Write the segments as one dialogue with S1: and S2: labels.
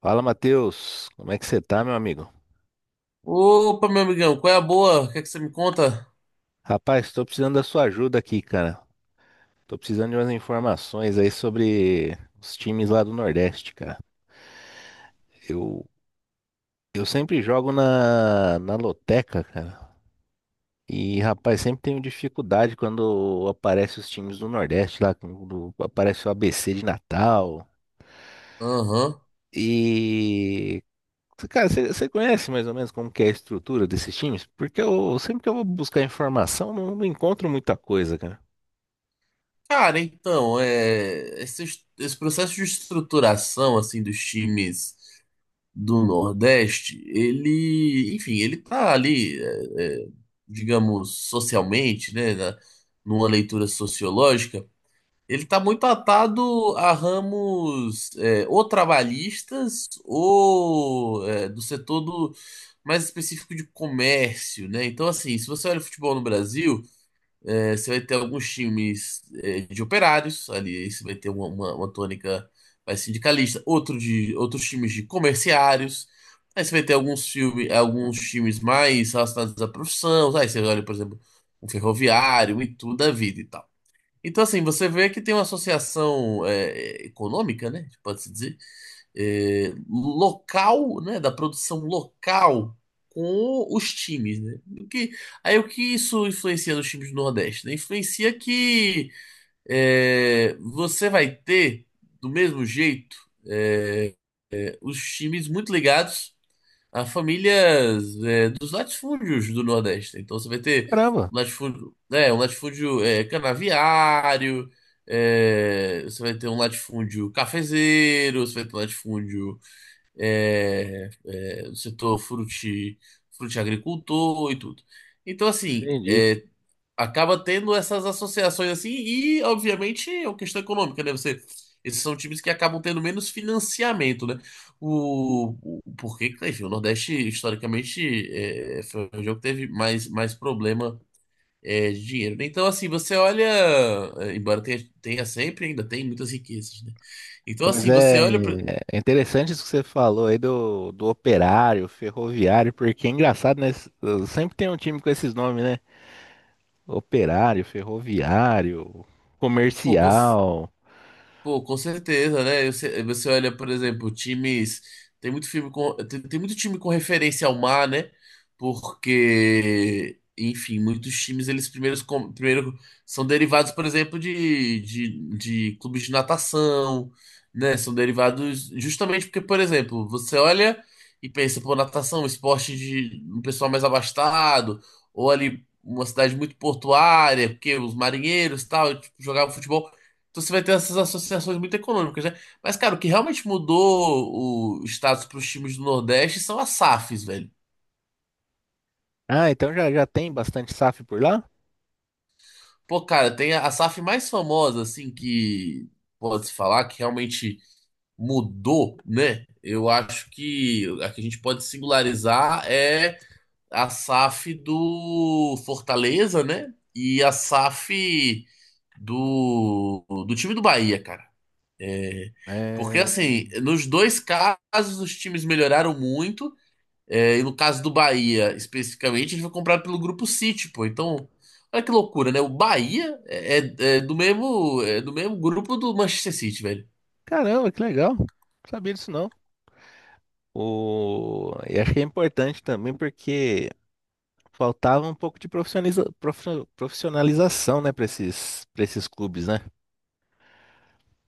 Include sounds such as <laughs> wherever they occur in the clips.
S1: Fala, Matheus. Como é que você tá, meu amigo?
S2: Opa, meu amigão, qual é a boa? O que é que você me conta?
S1: Rapaz, tô precisando da sua ajuda aqui, cara. Tô precisando de umas informações aí sobre os times lá do Nordeste, cara. Eu, eu sempre jogo na loteca, cara. E, rapaz, sempre tenho dificuldade quando aparece os times do Nordeste lá, quando aparece o ABC de Natal.
S2: Aham.
S1: E, cara, você conhece mais ou menos como que é a estrutura desses times? Porque eu sempre que eu vou buscar informação, não encontro muita coisa, cara.
S2: Cara, então, esse processo de estruturação, assim, dos times do Nordeste, ele, enfim, ele tá ali, digamos, socialmente, né, numa leitura sociológica, ele tá muito atado a ramos ou trabalhistas ou do setor do, mais específico de comércio, né? Então, assim, se você olha o futebol no Brasil, você vai ter alguns times de operários, ali aí você vai ter uma tônica mais sindicalista, outros times de comerciários, aí você vai ter alguns times mais relacionados à profissão, aí você olha, por exemplo, um ferroviário e tudo da vida e tal. Então, assim, você vê que tem uma associação econômica, né? Pode-se dizer, local, né? Da produção local com os times, né? Aí o que isso influencia nos times do Nordeste, né? Influencia que você vai ter, do mesmo jeito, é, os times muito ligados a famílias, dos latifúndios do Nordeste. Então você vai ter
S1: Caramba!
S2: um latifúndio, um latifúndio, canaviário, você vai ter um latifúndio cafezeiro, você vai ter um latifúndio do setor fruti, frutiagricultor e tudo. Então, assim,
S1: Entendi.
S2: acaba tendo essas associações assim, e obviamente é uma questão econômica, né? Esses são times que acabam tendo menos financiamento, né? Porque, enfim, o Nordeste, historicamente, foi um jogo que teve mais problema de dinheiro, né? Então, assim, você olha, embora tenha sempre, ainda tem muitas riquezas, né? Então,
S1: Mas
S2: assim, você
S1: é,
S2: olha,
S1: é interessante isso que você falou aí do operário, ferroviário, porque é engraçado, né? Sempre tem um time com esses nomes, né? Operário, ferroviário,
S2: pô,
S1: comercial.
S2: Pô, com certeza, né? Você olha, por exemplo, times. Tem muito filme com, tem muito time com referência ao mar, né? Porque, enfim, muitos times primeiro são derivados, por exemplo, de clubes de natação, né? São derivados justamente porque, por exemplo, você olha e pensa, pô, natação, esporte de um pessoal mais abastado, ou ali uma cidade muito portuária, porque os marinheiros e tal, tipo, jogavam futebol. Então você vai ter essas associações muito econômicas, né? Mas, cara, o que realmente mudou o status para os times do Nordeste são as SAFs, velho.
S1: Ah, então já tem bastante SAF por lá?
S2: Pô, cara, tem a SAF mais famosa, assim, que pode-se falar que realmente mudou, né? Eu acho que a gente pode singularizar é a SAF do Fortaleza, né? E a SAF do time do Bahia, cara. Porque,
S1: É...
S2: assim, nos dois casos os times melhoraram muito. É, e no caso do Bahia, especificamente, ele foi comprado pelo Grupo City, pô. Então, olha que loucura, né? O Bahia é do mesmo grupo do Manchester City, velho.
S1: Caramba, que legal. Não sabia disso não. O... E acho é importante também porque faltava um pouco de profissionalização, né, para para esses clubes, né?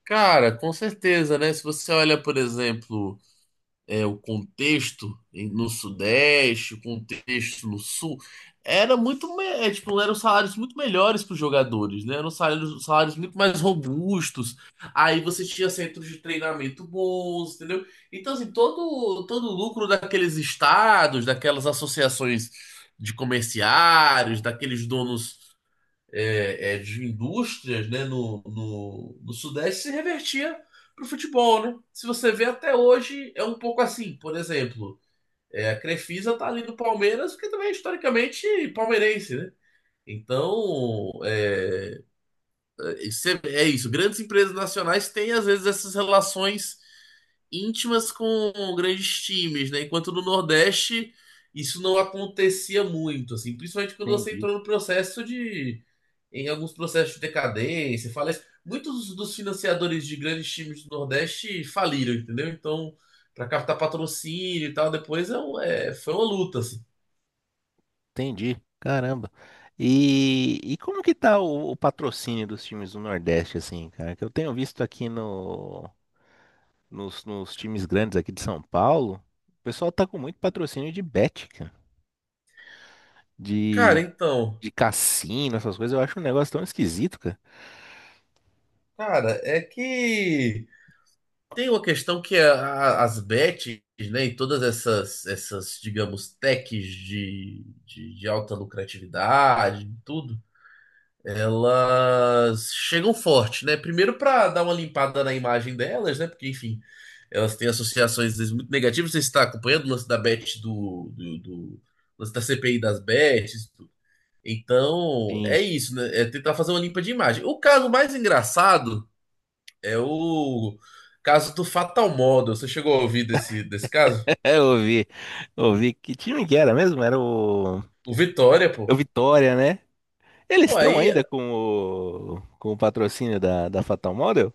S2: Cara, com certeza, né? Se você olha, por exemplo, o contexto no Sudeste, o contexto no Sul, era muito, tipo, eram salários muito melhores para os jogadores, né? Eram salários muito mais robustos. Aí você tinha centros de treinamento bons, entendeu? Então, assim, todo o lucro daqueles estados, daquelas associações de comerciários, daqueles donos de indústrias, né, no Sudeste se revertia para o futebol, né? Se você vê até hoje, é um pouco assim. Por exemplo, a Crefisa tá ali no Palmeiras, porque também é historicamente palmeirense, né? Então, isso é, é isso. Grandes empresas nacionais têm, às vezes, essas relações íntimas com grandes times, né? Enquanto no Nordeste isso não acontecia muito, assim, principalmente quando você
S1: Entendi.
S2: entrou no processo de, em alguns processos de decadência, falece. Muitos dos financiadores de grandes times do Nordeste faliram, entendeu? Então, para captar patrocínio e tal, depois foi uma luta, assim.
S1: Entendi. Caramba. E como que tá o patrocínio dos times do Nordeste, assim, cara? Que eu tenho visto aqui no, nos, nos times grandes aqui de São Paulo, o pessoal tá com muito patrocínio de bet, cara.
S2: Cara,
S1: De,
S2: então,
S1: de cassino, essas coisas. Eu acho um negócio tão esquisito, cara.
S2: cara, é que tem uma questão que as bets, né, e todas essas, essas, digamos, techs de alta lucratividade, tudo, elas chegam forte, né? Primeiro para dar uma limpada na imagem delas, né? Porque, enfim, elas têm associações às vezes muito negativas. Você está acompanhando o lance da bet do, do, do o lance da CPI das bets, tudo. Então,
S1: Sim.
S2: é isso, né? É tentar fazer uma limpa de imagem. O caso mais engraçado é o caso do Fatal Model. Você chegou a ouvir desse, desse caso?
S1: <laughs> Eu ouvi. Ouvi. Que time que era mesmo? Era
S2: O Vitória,
S1: o
S2: pô.
S1: Vitória, né? Eles
S2: Pô,
S1: estão
S2: aí,
S1: ainda com com o patrocínio da Fatal Model?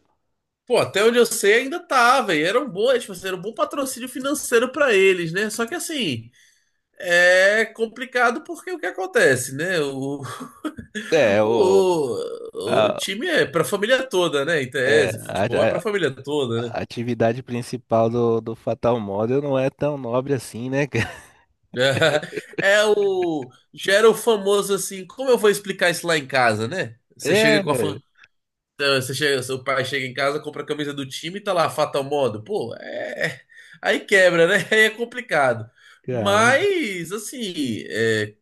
S2: pô, até onde eu sei ainda tá, velho. Era um bom, tipo, assim, era um bom patrocínio financeiro pra eles, né? Só que assim, é complicado porque o que acontece, né? O,
S1: É,
S2: <laughs> o
S1: a-
S2: time é pra família toda, né? Em
S1: é,
S2: tese, futebol é pra
S1: a,
S2: família toda, né?
S1: a atividade principal do Fatal Model não é tão nobre assim, né, cara? <laughs>
S2: <laughs> É, o. Gera o famoso assim, como eu vou explicar isso lá em casa, né? Você
S1: É,
S2: chega com Então, você chega, seu pai chega em casa, compra a camisa do time e tá lá, Fatal Modo. Pô, é. Aí quebra, né? <laughs> Aí é complicado.
S1: caramba.
S2: Mas, assim,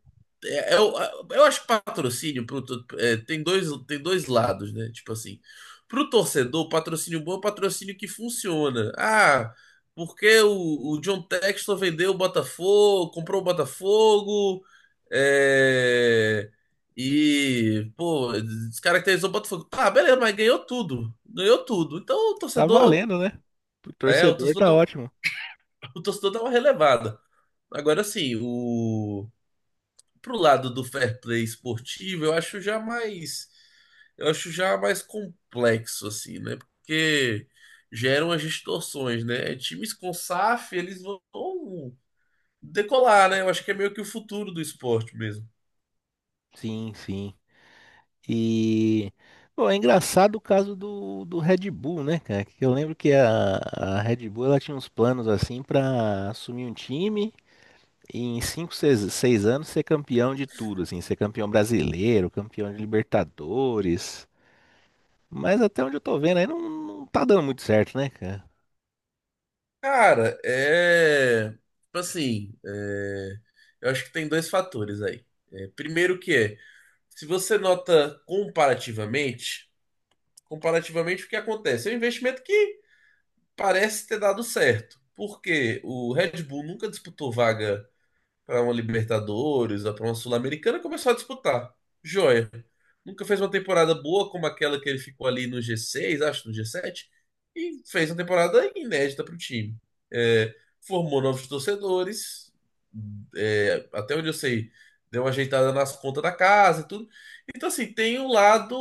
S2: é, eu, eu acho que patrocínio tem tem dois lados, né? Tipo assim, pro torcedor, patrocínio bom é patrocínio que funciona. Ah, porque o John Textor vendeu o Botafogo, comprou o Botafogo, é, e, pô, descaracterizou o Botafogo. Tá, beleza, mas ganhou tudo. Ganhou tudo. Então o
S1: Tá
S2: torcedor,
S1: valendo, né? Pro
S2: é, o
S1: torcedor
S2: torcedor
S1: tá ótimo.
S2: o torcedor dá uma relevada. Agora sim, o pro lado do fair play esportivo, eu acho já mais complexo assim, né? Porque geram as distorções, né? Times com SAF, eles vão decolar, né? Eu acho que é meio que o futuro do esporte mesmo.
S1: Sim, sim. E, bom, é engraçado o caso do Red Bull, né, cara? Que eu lembro que a Red Bull ela tinha uns planos assim pra assumir um time e em 5, seis anos ser campeão de tudo, assim, ser campeão brasileiro, campeão de Libertadores. Mas até onde eu tô vendo aí não tá dando muito certo, né, cara?
S2: Cara, é, tipo assim, eu acho que tem dois fatores aí. É, primeiro que é, se você nota comparativamente, comparativamente o que acontece? É um investimento que parece ter dado certo, porque o Red Bull nunca disputou vaga para uma Libertadores ou para uma Sul-Americana, começou a disputar. Joia. Nunca fez uma temporada boa como aquela que ele ficou ali no G6, acho, no G7, e fez uma temporada inédita para o time. É, formou novos torcedores, até onde eu sei, deu uma ajeitada nas contas da casa e tudo. Então, assim, tem um lado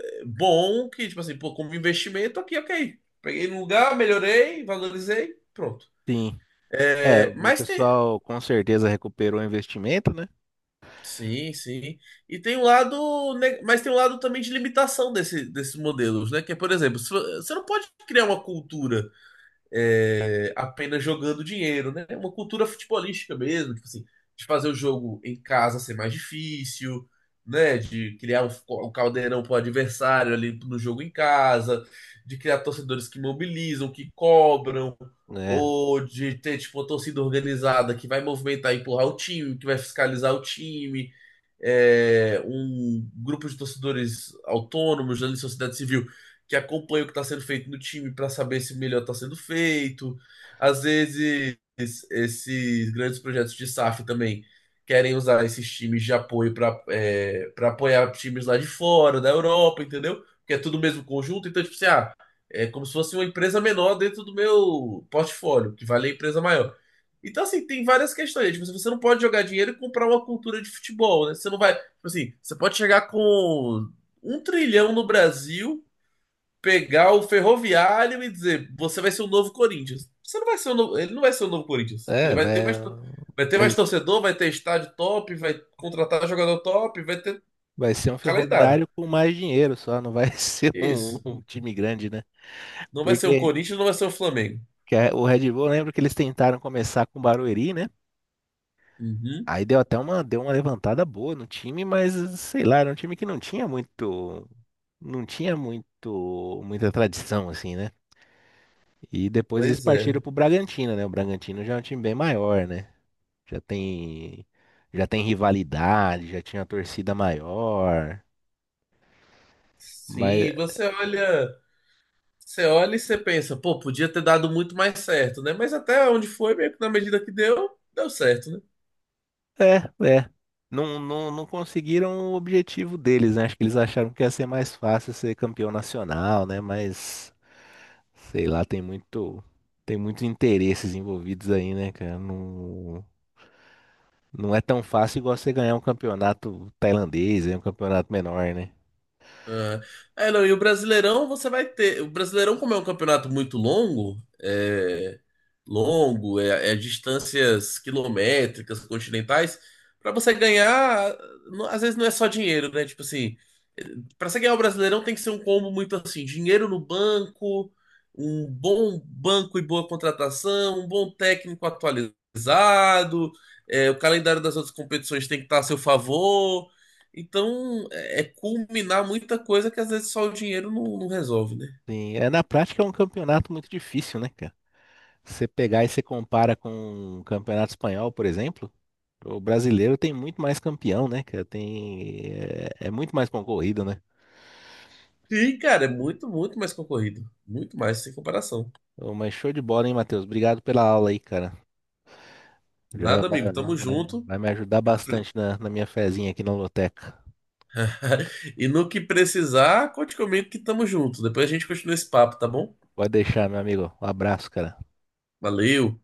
S2: bom que, tipo assim, pô, como investimento aqui, ok. Peguei no lugar, melhorei, valorizei, pronto.
S1: Sim. É,
S2: É,
S1: o
S2: mas tem,
S1: pessoal com certeza recuperou o investimento, né?
S2: sim, sim. E tem um lado, mas tem um lado também de limitação desse, desses modelos, né? Que é, por exemplo, se vo- você não pode criar uma cultura apenas jogando dinheiro, né? Uma cultura futebolística mesmo, tipo assim, de fazer o jogo em casa ser mais difícil, né? De criar um caldeirão pro adversário ali no jogo em casa, de criar torcedores que mobilizam, que cobram,
S1: É,
S2: ou de ter, tipo, uma torcida organizada que vai movimentar e empurrar o time, que vai fiscalizar o time, um grupo de torcedores autônomos da sociedade civil que acompanha o que está sendo feito no time para saber se melhor está sendo feito. Às vezes, esses grandes projetos de SAF também querem usar esses times de apoio para para apoiar times lá de fora, da Europa, entendeu? Porque é tudo o mesmo conjunto, então, tipo assim, ah, é como se fosse uma empresa menor dentro do meu portfólio, que vale a empresa maior. Então, assim, tem várias questões, né? Tipo, assim, você não pode jogar dinheiro e comprar uma cultura de futebol, né? Você não vai. Tipo assim, você pode chegar com um trilhão no Brasil, pegar o Ferroviário e dizer, você vai ser o novo Corinthians. Você não vai ser o novo, ele não vai ser o novo Corinthians. Ele
S1: é,
S2: vai ter
S1: vai,
S2: mais, vai ter mais
S1: vai,
S2: torcedor, vai ter estádio top, vai contratar jogador top, vai ter
S1: vai ser um
S2: calendário.
S1: ferroviário com mais dinheiro só, não vai <laughs> ser
S2: Isso.
S1: um time grande, né?
S2: Não vai ser o
S1: Porque
S2: Corinthians, não vai ser o Flamengo.
S1: o Red Bull, eu lembro que eles tentaram começar com o Barueri, né?
S2: Uhum.
S1: Aí deu até deu uma levantada boa no time, mas sei lá, era um time que não não tinha muito, muita tradição, assim, né? E depois eles
S2: Pois
S1: partiram
S2: é.
S1: pro Bragantino, né? O Bragantino já é um time bem maior, né? Já tem, já tem rivalidade, já tinha torcida maior, mas
S2: Sim, você olha. Você olha e você pensa, pô, podia ter dado muito mais certo, né? Mas até onde foi, meio que na medida que deu, deu certo, né?
S1: é, é. Não, não conseguiram o objetivo deles, né? Acho que eles acharam que ia ser mais fácil ser campeão nacional, né? Mas sei lá, tem muitos interesses envolvidos aí, né, cara? Não, não é tão fácil igual você ganhar um campeonato tailandês, é um campeonato menor, né?
S2: Ah, é, não, e o Brasileirão você vai ter. O Brasileirão, como é um campeonato muito longo, é distâncias quilométricas, continentais, pra você ganhar, às vezes não é só dinheiro, né? Tipo assim, pra você ganhar o Brasileirão tem que ser um combo muito assim, dinheiro no banco, um bom banco e boa contratação, um bom técnico atualizado, o calendário das outras competições tem que estar a seu favor. Então, é culminar muita coisa que às vezes só o dinheiro não resolve, né?
S1: Sim, é, na prática é um campeonato muito difícil, né, cara? Você pegar e você compara com o campeonato espanhol, por exemplo. O brasileiro tem muito mais campeão, né, cara? Tem, é muito mais concorrido, né?
S2: Sim, cara, é muito, muito mais concorrido. Muito mais, sem comparação.
S1: Ô, mas show de bola, hein, Matheus? Obrigado pela aula aí, cara. Já
S2: Nada, amigo, tamo junto.
S1: vai me ajudar
S2: E que pre-
S1: bastante na minha fezinha aqui na loteca.
S2: <laughs> e no que precisar, conte comigo que tamo junto. Depois a gente continua esse papo, tá bom?
S1: Pode deixar, meu amigo. Um abraço, cara.
S2: Valeu!